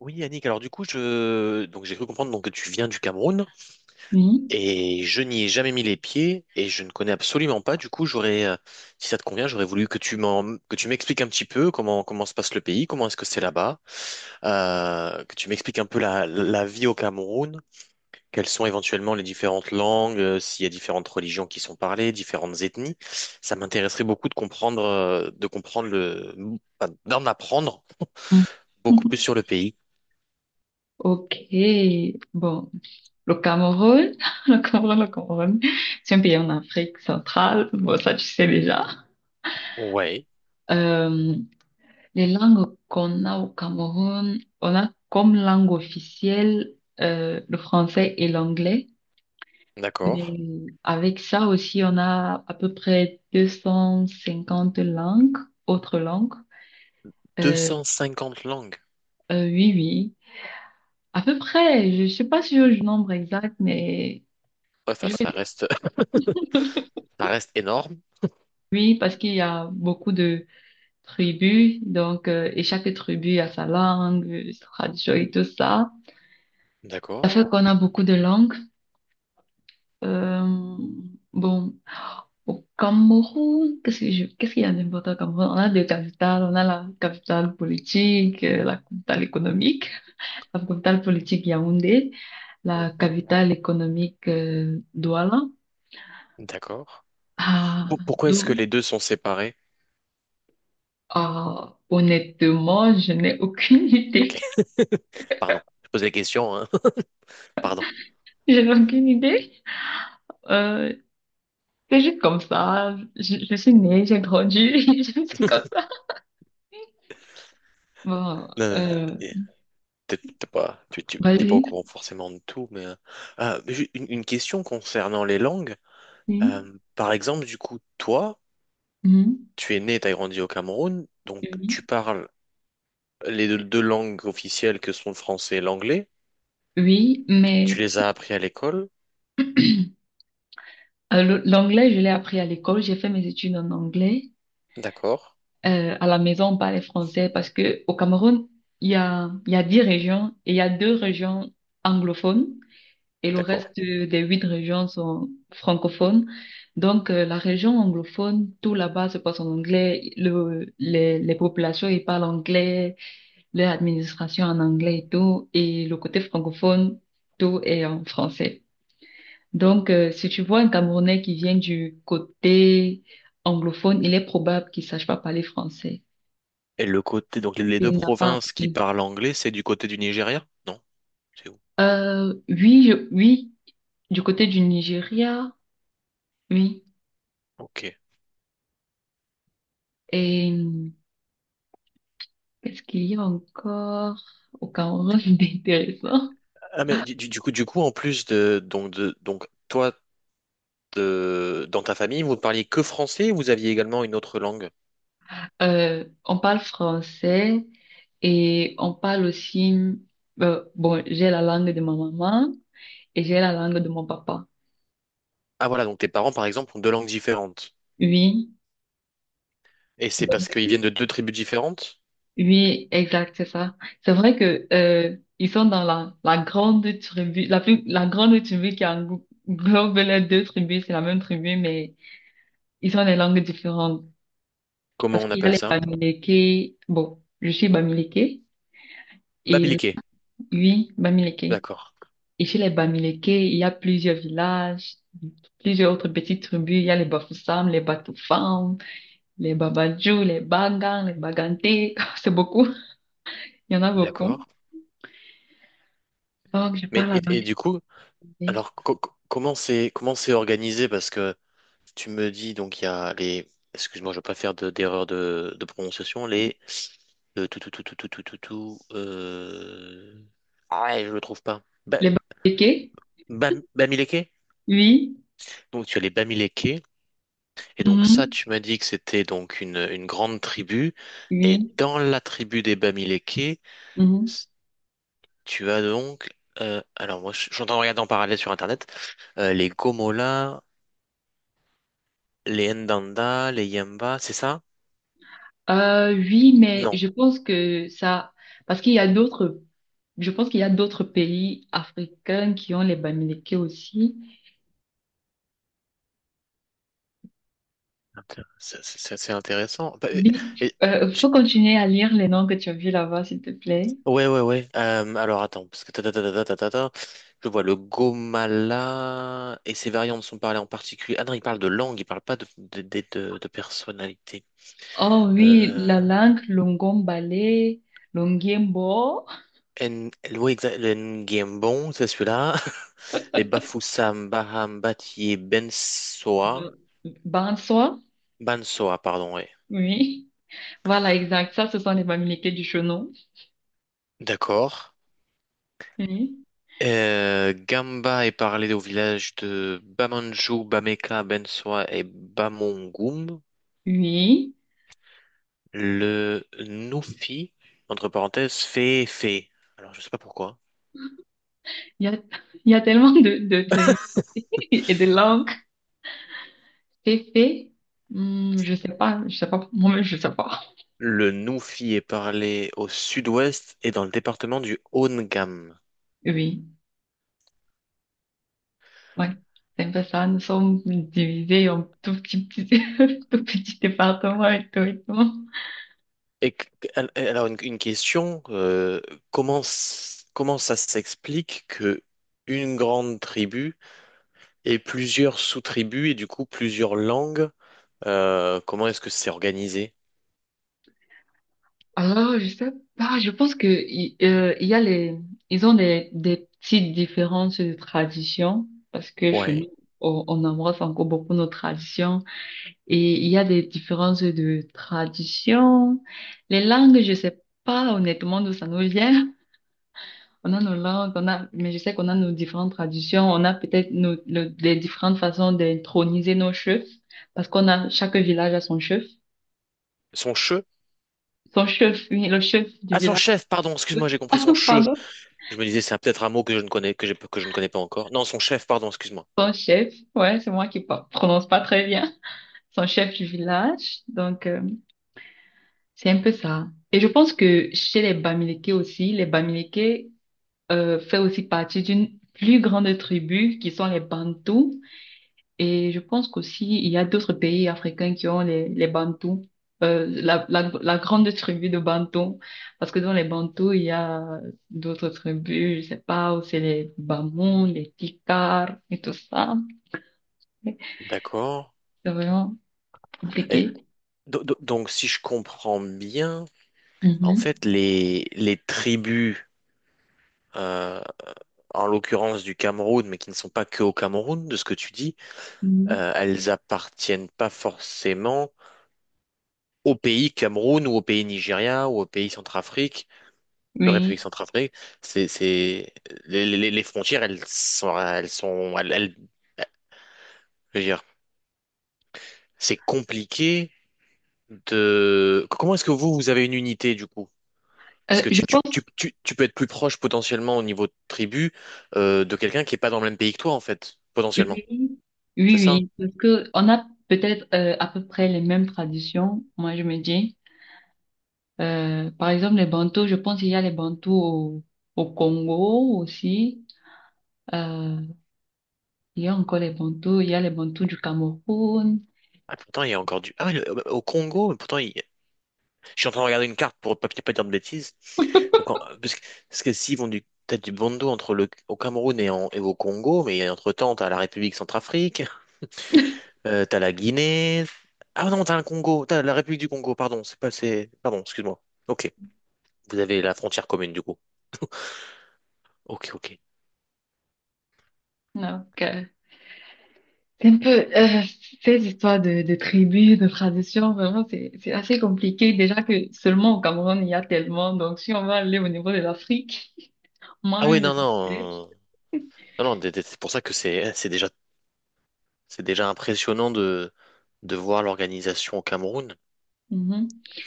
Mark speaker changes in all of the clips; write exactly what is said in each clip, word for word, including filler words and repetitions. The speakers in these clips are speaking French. Speaker 1: Oui, Yannick, alors du coup, je... donc, j'ai cru comprendre donc, que tu viens du Cameroun
Speaker 2: Oui.
Speaker 1: et je n'y ai jamais mis les pieds et je ne connais absolument pas. Du coup, j'aurais, euh, si ça te convient, j'aurais voulu que tu m'en... que tu m'expliques un petit peu comment, comment se passe le pays, comment est-ce que c'est là-bas, euh, que tu m'expliques un peu la, la vie au Cameroun, quelles sont éventuellement les différentes langues, euh, s'il y a différentes religions qui sont parlées, différentes ethnies. Ça m'intéresserait beaucoup de comprendre, euh, de comprendre le... enfin, d'en apprendre
Speaker 2: Mhm.
Speaker 1: beaucoup plus
Speaker 2: Mhm.
Speaker 1: sur le pays.
Speaker 2: Ok. Bon, le Cameroun, le Cameroun, le Cameroun, c'est un pays en Afrique centrale. Bon, ça, tu sais déjà.
Speaker 1: Ouais,
Speaker 2: Euh, les langues qu'on a au Cameroun, on a comme langue officielle euh, le français et l'anglais.
Speaker 1: d'accord.
Speaker 2: Mais avec ça aussi, on a à peu près deux cent cinquante langues, autres langues. Euh,
Speaker 1: deux cent cinquante langues.
Speaker 2: euh, oui, oui. À peu près, je sais pas si j'ai le nombre exact, mais
Speaker 1: Ouais, Enfin, ça reste, ça reste énorme.
Speaker 2: oui, parce qu'il y a beaucoup de tribus, donc euh, et chaque tribu a sa langue, euh, sa tradition et tout ça. Ça
Speaker 1: D'accord.
Speaker 2: fait qu'on a beaucoup de langues. Euh, bon, au Cameroun, qu'est-ce que je- qu'est-ce qu'il y a d'important au Cameroun? On a deux capitales, on a la capitale politique, euh, la capitale économique. La capitale politique, Yaoundé. La
Speaker 1: Mhm.
Speaker 2: capitale économique, euh, Douala.
Speaker 1: D'accord.
Speaker 2: Ah,
Speaker 1: Pour- Pourquoi est-ce que
Speaker 2: Dou-
Speaker 1: les deux sont séparés?
Speaker 2: ah, honnêtement, je n'ai aucune
Speaker 1: Ok,
Speaker 2: idée.
Speaker 1: pardon. Je pose la question, hein. Pardon.
Speaker 2: Je n'ai aucune idée. Euh, c'est juste comme ça. Je, je suis née, j'ai grandi, c'est comme ça. Bon,
Speaker 1: Euh,
Speaker 2: euh,
Speaker 1: t'es t'es pas, tu, tu- t'es pas au
Speaker 2: vas-y.
Speaker 1: courant forcément de tout, mais, euh, ah, mais j'ai une, une question concernant les langues.
Speaker 2: Oui,
Speaker 1: Euh, par exemple, du coup, toi,
Speaker 2: oui, mhm,
Speaker 1: tu es né, tu as grandi au Cameroun, donc
Speaker 2: oui,
Speaker 1: tu parles les deux, deux langues officielles que sont le français et l'anglais.
Speaker 2: oui, mais
Speaker 1: Tu les as appris à l'école.
Speaker 2: euh, le- l'anglais, je l'ai appris à l'école. J'ai fait mes études en anglais.
Speaker 1: D'accord.
Speaker 2: Euh, à la maison, on parlait français parce que au Cameroun, il y a, il y a dix régions et il y a deux régions anglophones. Et le
Speaker 1: D'accord.
Speaker 2: reste euh, des huit régions sont francophones. Donc, euh, la région anglophone, tout là-bas se passe en anglais. Le, les, les populations, ils parlent anglais, leur administration en anglais et tout. Et le côté francophone, tout est en français. Donc, euh, si tu vois un Camerounais qui vient du côté anglophone, il est probable qu'il sache pas parler français.
Speaker 1: Et le côté, donc les deux
Speaker 2: Il n'a pas
Speaker 1: provinces qui
Speaker 2: appris.
Speaker 1: parlent anglais, c'est du côté du Nigeria? Non, c'est où?
Speaker 2: Euh, oui, je- oui, du côté du Nigeria, oui.
Speaker 1: Ok.
Speaker 2: Et qu'est-ce qu'il y a encore au Cameroun d'intéressant?
Speaker 1: Ah mais du, du- du coup, du coup, en plus de donc de donc toi de- dans ta famille, vous ne parliez que français ou vous aviez également une autre langue?
Speaker 2: Euh, on parle français et on parle aussi, euh, bon, j'ai la langue de ma maman et j'ai la langue de mon papa.
Speaker 1: Ah voilà, donc tes parents par exemple ont deux langues différentes.
Speaker 2: Oui,
Speaker 1: Et c'est
Speaker 2: donc,
Speaker 1: parce qu'ils viennent de deux tribus différentes?
Speaker 2: oui, exact, c'est ça. C'est vrai que, euh, ils sont dans la, la grande tribu, la plus, la grande tribu qui englo- englobe les deux tribus, c'est la même tribu, mais ils ont des langues différentes.
Speaker 1: Comment
Speaker 2: Parce
Speaker 1: on
Speaker 2: qu'il y a
Speaker 1: appelle
Speaker 2: les
Speaker 1: ça?
Speaker 2: Bamileke, bon, je suis Bamileke et
Speaker 1: Babiliqué.
Speaker 2: oui, Bamileke.
Speaker 1: D'accord.
Speaker 2: Et chez les Bamileke, il y a plusieurs villages, plusieurs autres petites tribus. Il y a les Bafoussam, les Batoufam, les Babadjou, les Bagan, les Baganté. C'est beaucoup. Il y en a
Speaker 1: D'accord.
Speaker 2: beaucoup. Donc, je
Speaker 1: Mais
Speaker 2: parle la
Speaker 1: et, et
Speaker 2: langue.
Speaker 1: du coup,
Speaker 2: Bamileke.
Speaker 1: Alors, co- co- comment c'est comment c'est organisé? Parce que tu me dis, donc, il y a les... Excuse-moi, je ne veux pas faire de, d'erreur de, de prononciation. Les... Le tout, tout, tout, tout, tout, tout, tout, tout, euh... Ah, ouais, je le trouve pas. Ba-
Speaker 2: Les Bamileke?
Speaker 1: Bam- Bamileke?
Speaker 2: Oui.
Speaker 1: Donc, tu as les Bamileke. Et donc, ça,
Speaker 2: Mhm.
Speaker 1: tu m'as dit que c'était donc une, une grande tribu. Et
Speaker 2: Oui.
Speaker 1: dans la tribu des Bamileke,
Speaker 2: Mhm.
Speaker 1: s- tu as donc... euh, alors, moi, je je suis en train de regarder en parallèle sur Internet. euh, les Gomola, les Ndanda, les Yamba, c'est ça?
Speaker 2: Euh, oui, mais
Speaker 1: Non,
Speaker 2: je pense que ça, parce qu'il y a d'autres, je pense qu'il y a d'autres pays africains qui ont les Bamileke aussi.
Speaker 1: Inté- c'est c'est- c'est intéressant. Bah, et-
Speaker 2: Oui,
Speaker 1: et-
Speaker 2: euh,
Speaker 1: j-
Speaker 2: faut continuer à lire les noms que tu as vus là-bas, s'il te plaît.
Speaker 1: ouais, ouais, ouais. Euh, alors attends, parce que ta, ta, ta, ta, ta, ta, ta, ta, je vois le Gomala et ses variantes sont parlées en particulier. Ah non, il parle de langue, il parle pas de, de, de, de- de personnalité.
Speaker 2: Oh oui,
Speaker 1: Euh,
Speaker 2: la langue Longombale, Longiembo,
Speaker 1: en, oui, exa- le Ngembon, c'est celui-là. Les Bafoussam, Baham, Batié, Bensoa.
Speaker 2: Ba- Banswa,
Speaker 1: Bansoa, pardon, ouais.
Speaker 2: oui. Voilà, exact. Ça, ce sont les familiers du chenon.
Speaker 1: D'accord.
Speaker 2: Oui,
Speaker 1: Euh, Gamba est parlé au village de Bamanjou, Bameka, Bensoa et Bamongum.
Speaker 2: oui.
Speaker 1: Le Nufi, entre parenthèses, fait fait. Alors, je sais pas pourquoi.
Speaker 2: Il y a, il y a tellement de, de trucs et de langues. Féfé, hmm, je sais pas, je sais pas, moi-même, je sais pas.
Speaker 1: Le Nufi est parlé au sud-ouest et dans le département du haut de.
Speaker 2: Oui. Ouais, c'est un peu ça. Nous sommes divisés en tout petit, petit, tout petit département et tout et tout.
Speaker 1: Et que- al- alors, une, une question, euh, comment, s- comment ça s'explique que une grande tribu ait plusieurs sous-tribus et du coup plusieurs langues, euh, comment est-ce que c'est organisé?
Speaker 2: Alors, je sais pas, je pense que il euh, il y a les, ils ont des, des petites différences de tradition parce que chez nous,
Speaker 1: Ouais.
Speaker 2: on, on embrasse encore beaucoup nos traditions et il y a des différences de tradition. Les langues, je sais pas honnêtement d'où ça nous vient. On a nos langues, on a, mais je sais qu'on a nos différentes traditions, on a peut-être nos, le- les différentes façons d'introniser nos chefs, parce qu'on a, chaque village a son chef,
Speaker 1: Son che?
Speaker 2: son chef, oui, le chef du
Speaker 1: Ah, son
Speaker 2: village.
Speaker 1: chef, pardon, excuse-moi, j'ai compris
Speaker 2: Ah,
Speaker 1: son che.
Speaker 2: pardon,
Speaker 1: Je me disais, c'est peut-être un mot que je ne connais, que j'ai- que je ne connais pas encore. Non, son chef, pardon, excuse-moi.
Speaker 2: son chef, ouais, c'est moi qui pa- prononce pas très bien, son chef du village, donc euh, c'est un peu ça. Et je pense que chez les Bamileke aussi, les Bamileke euh, fait aussi partie d'une plus grande tribu qui sont les Bantous. Et je pense qu'aussi, il y a d'autres pays africains qui ont les, les Bantous, euh, la, la, la grande tribu de Bantous. Parce que dans les Bantous, il y a d'autres tribus, je sais pas, où c'est les Bamouns, les Tikars et tout ça.
Speaker 1: D'accord.
Speaker 2: C'est vraiment
Speaker 1: Et
Speaker 2: compliqué.
Speaker 1: do- do- donc, si je comprends bien, en
Speaker 2: Mhm.
Speaker 1: fait, les, les, tribus, euh, en l'occurrence du Cameroun, mais qui ne sont pas que au Cameroun, de ce que tu dis,
Speaker 2: Mhm.
Speaker 1: euh, elles appartiennent pas forcément au pays Cameroun ou au pays Nigeria ou au pays Centrafrique. La
Speaker 2: Oui.
Speaker 1: République centrafricaine, c'est, c'est, les, les- les frontières, elles sont, elles sont, elles, elles- je veux dire, c'est compliqué de, comment est-ce que vous, vous avez une unité, du coup? Parce
Speaker 2: Euh,
Speaker 1: que
Speaker 2: je
Speaker 1: tu, tu,
Speaker 2: pense,
Speaker 1: tu, tu, tu peux être plus proche, potentiellement, au niveau de tribu, euh, de quelqu'un qui est pas dans le même pays que toi, en fait, potentiellement.
Speaker 2: oui,
Speaker 1: C'est
Speaker 2: oui,
Speaker 1: ça?
Speaker 2: oui. Parce que on a peut-être euh, à peu près les mêmes traditions, moi je me dis. Euh, par exemple, les bantous, je pense qu'il y a les bantous au, au Congo aussi. Euh, il y a encore les bantous, il y a les bantous du Cameroun.
Speaker 1: Ah, pourtant, il y a encore du, ah, ouais, le- au Congo, pourtant, il- Je suis en train de regarder une carte pour pas pas dire de bêtises. Donc, en- parce que, parce que s'ils vont du, t'as du bondo entre le, au Cameroun et, en- et au Congo, mais entre-temps, t'as la République centrafrique, euh, t'as la Guinée. Ah non, t'as le Congo, t'as la République du Congo, pardon, c'est pas, c'est, pardon, excuse-moi. Ok, vous avez la frontière commune du coup. Ok, ok.
Speaker 2: Donc, euh, c'est un peu euh, ces histoires de, de tribus, de traditions, vraiment, c'est, c'est assez compliqué. Déjà que seulement au Cameroun, il y a tellement. Donc, si on va aller au niveau de l'Afrique,
Speaker 1: Ah oui,
Speaker 2: moi-même,
Speaker 1: non, non, euh, non, non, d- d- c'est pour ça que c'est, c'est déjà, c'est déjà impressionnant de, de, voir l'organisation au Cameroun.
Speaker 2: je vais.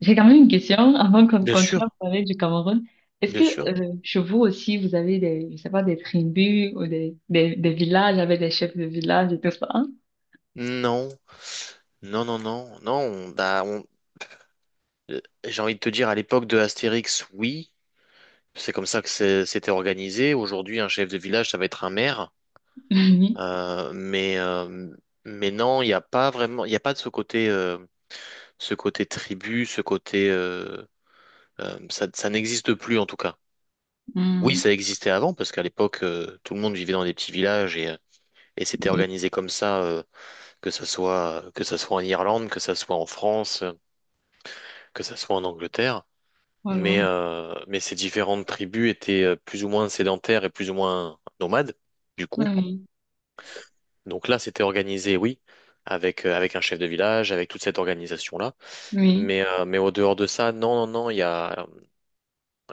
Speaker 2: J'ai quand même une question avant qu'on
Speaker 1: Bien
Speaker 2: continue à
Speaker 1: sûr,
Speaker 2: parler du Cameroun. Est-ce
Speaker 1: bien
Speaker 2: que
Speaker 1: sûr.
Speaker 2: euh, chez vous aussi, vous avez des, je sais pas, des tribus ou des, des, des villages avec des chefs de village et tout ça? Hein?
Speaker 1: Non. Non, non, non, non, on, bah, on- euh, j'ai envie de te dire, à l'époque de Astérix, oui, c'est comme ça que c'est- c'était organisé. Aujourd'hui, un chef de village, ça va être un maire.
Speaker 2: Oui.
Speaker 1: Euh, mais, euh, mais non, il n'y a pas vraiment, il n'y a pas de ce côté, euh, ce côté tribu, ce côté, euh, euh, ça, ça n'existe plus en tout cas. Oui,
Speaker 2: Mm.
Speaker 1: ça existait avant parce qu'à l'époque, euh, tout le monde vivait dans des petits villages et, euh, et c'était
Speaker 2: Oui.
Speaker 1: organisé comme ça, euh, que ça soit, que ça soit en Irlande, que ça soit en France, euh, que ça soit en Angleterre. Mais,
Speaker 2: Alors,
Speaker 1: euh, mais ces différentes tribus étaient euh, plus ou moins sédentaires et plus ou moins nomades, du coup.
Speaker 2: oui.
Speaker 1: Donc là, c'était organisé, oui, avec, euh, avec un chef de village, avec toute cette organisation-là.
Speaker 2: Oui.
Speaker 1: Mais, euh, mais au dehors de ça, non, non, non, il y a,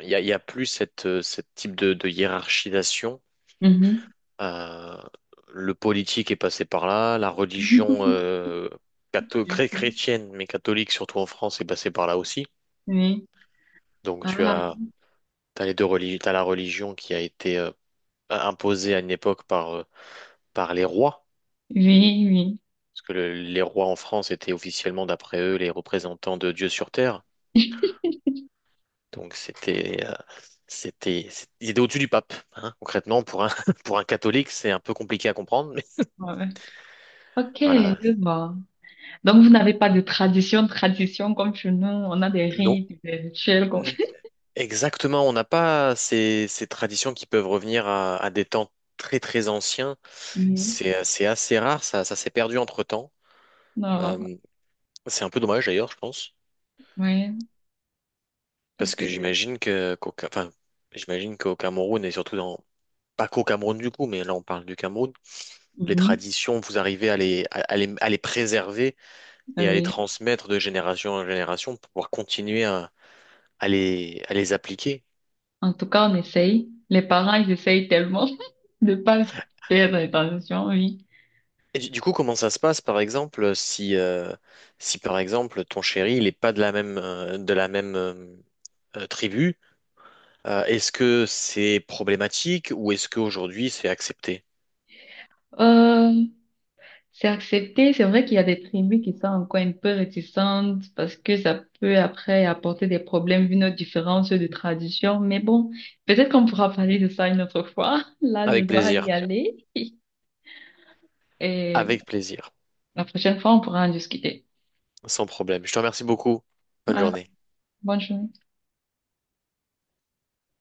Speaker 1: il y a, il y a plus cette, euh, cette type de, de hiérarchisation.
Speaker 2: Mhm.
Speaker 1: Euh, le politique est passé par là, la religion euh, catho- chré-
Speaker 2: Oui.
Speaker 1: chrétienne, mais catholique, surtout en France, est passée par là aussi.
Speaker 2: Oui.
Speaker 1: Donc
Speaker 2: Ah.
Speaker 1: tu as, t'as les deux religions, t'as la religion qui a été euh, imposé à une époque par, euh, par les rois,
Speaker 2: Oui, oui.
Speaker 1: parce que le- les rois en France étaient officiellement, d'après eux, les représentants de Dieu sur terre. Donc c'était, euh, c'était, c'est- ils étaient au-dessus du pape, hein. Concrètement, pour un, pour un catholique, c'est un peu compliqué à comprendre, mais
Speaker 2: Ouais. Ok,
Speaker 1: voilà.
Speaker 2: je vois. Donc, vous n'avez pas de tradition, tradition comme chez nous. On a des
Speaker 1: Donc
Speaker 2: rites, des rituels qu'on fait.
Speaker 1: exactement, on n'a pas ces, ces, traditions qui peuvent revenir à, à des temps très très anciens.
Speaker 2: Oui.
Speaker 1: C'est, c'est assez rare, ça, ça s'est perdu entre-temps.
Speaker 2: Non,
Speaker 1: Euh, c'est un peu dommage d'ailleurs, je pense.
Speaker 2: oui, parce
Speaker 1: Parce que
Speaker 2: que...
Speaker 1: j'imagine que, qu'au, Ca- enfin, j'imagine qu'au Cameroun, et surtout dans, pas qu'au Cameroun du coup, mais là on parle du Cameroun, les
Speaker 2: Mhm.
Speaker 1: traditions, vous arrivez à les, à, à les, à les préserver
Speaker 2: Ah
Speaker 1: et à les
Speaker 2: oui.
Speaker 1: transmettre de génération en génération pour pouvoir continuer à, à les, à les appliquer.
Speaker 2: En tout cas, on essaye. Les parents, ils essayent tellement de pas perdre l'attention, oui.
Speaker 1: Et du, du coup, comment ça se passe, par exemple, si, euh, si par exemple ton chéri, il n'est pas de la même, euh, de la même euh, euh, tribu. Euh, est-ce que c'est problématique ou est-ce qu'aujourd'hui c'est accepté?
Speaker 2: Euh, c'est accepté. C'est vrai qu'il y a des tribus qui sont encore un peu réticentes parce que ça peut après apporter des problèmes vu nos différences de tradition. Mais bon, peut-être qu'on pourra parler de ça une autre fois. Là, je
Speaker 1: Avec
Speaker 2: dois
Speaker 1: plaisir,
Speaker 2: y aller. Et
Speaker 1: avec plaisir,
Speaker 2: la prochaine fois, on pourra en discuter.
Speaker 1: sans problème. Je te remercie beaucoup. Bonne
Speaker 2: Voilà.
Speaker 1: journée.
Speaker 2: Bonne journée.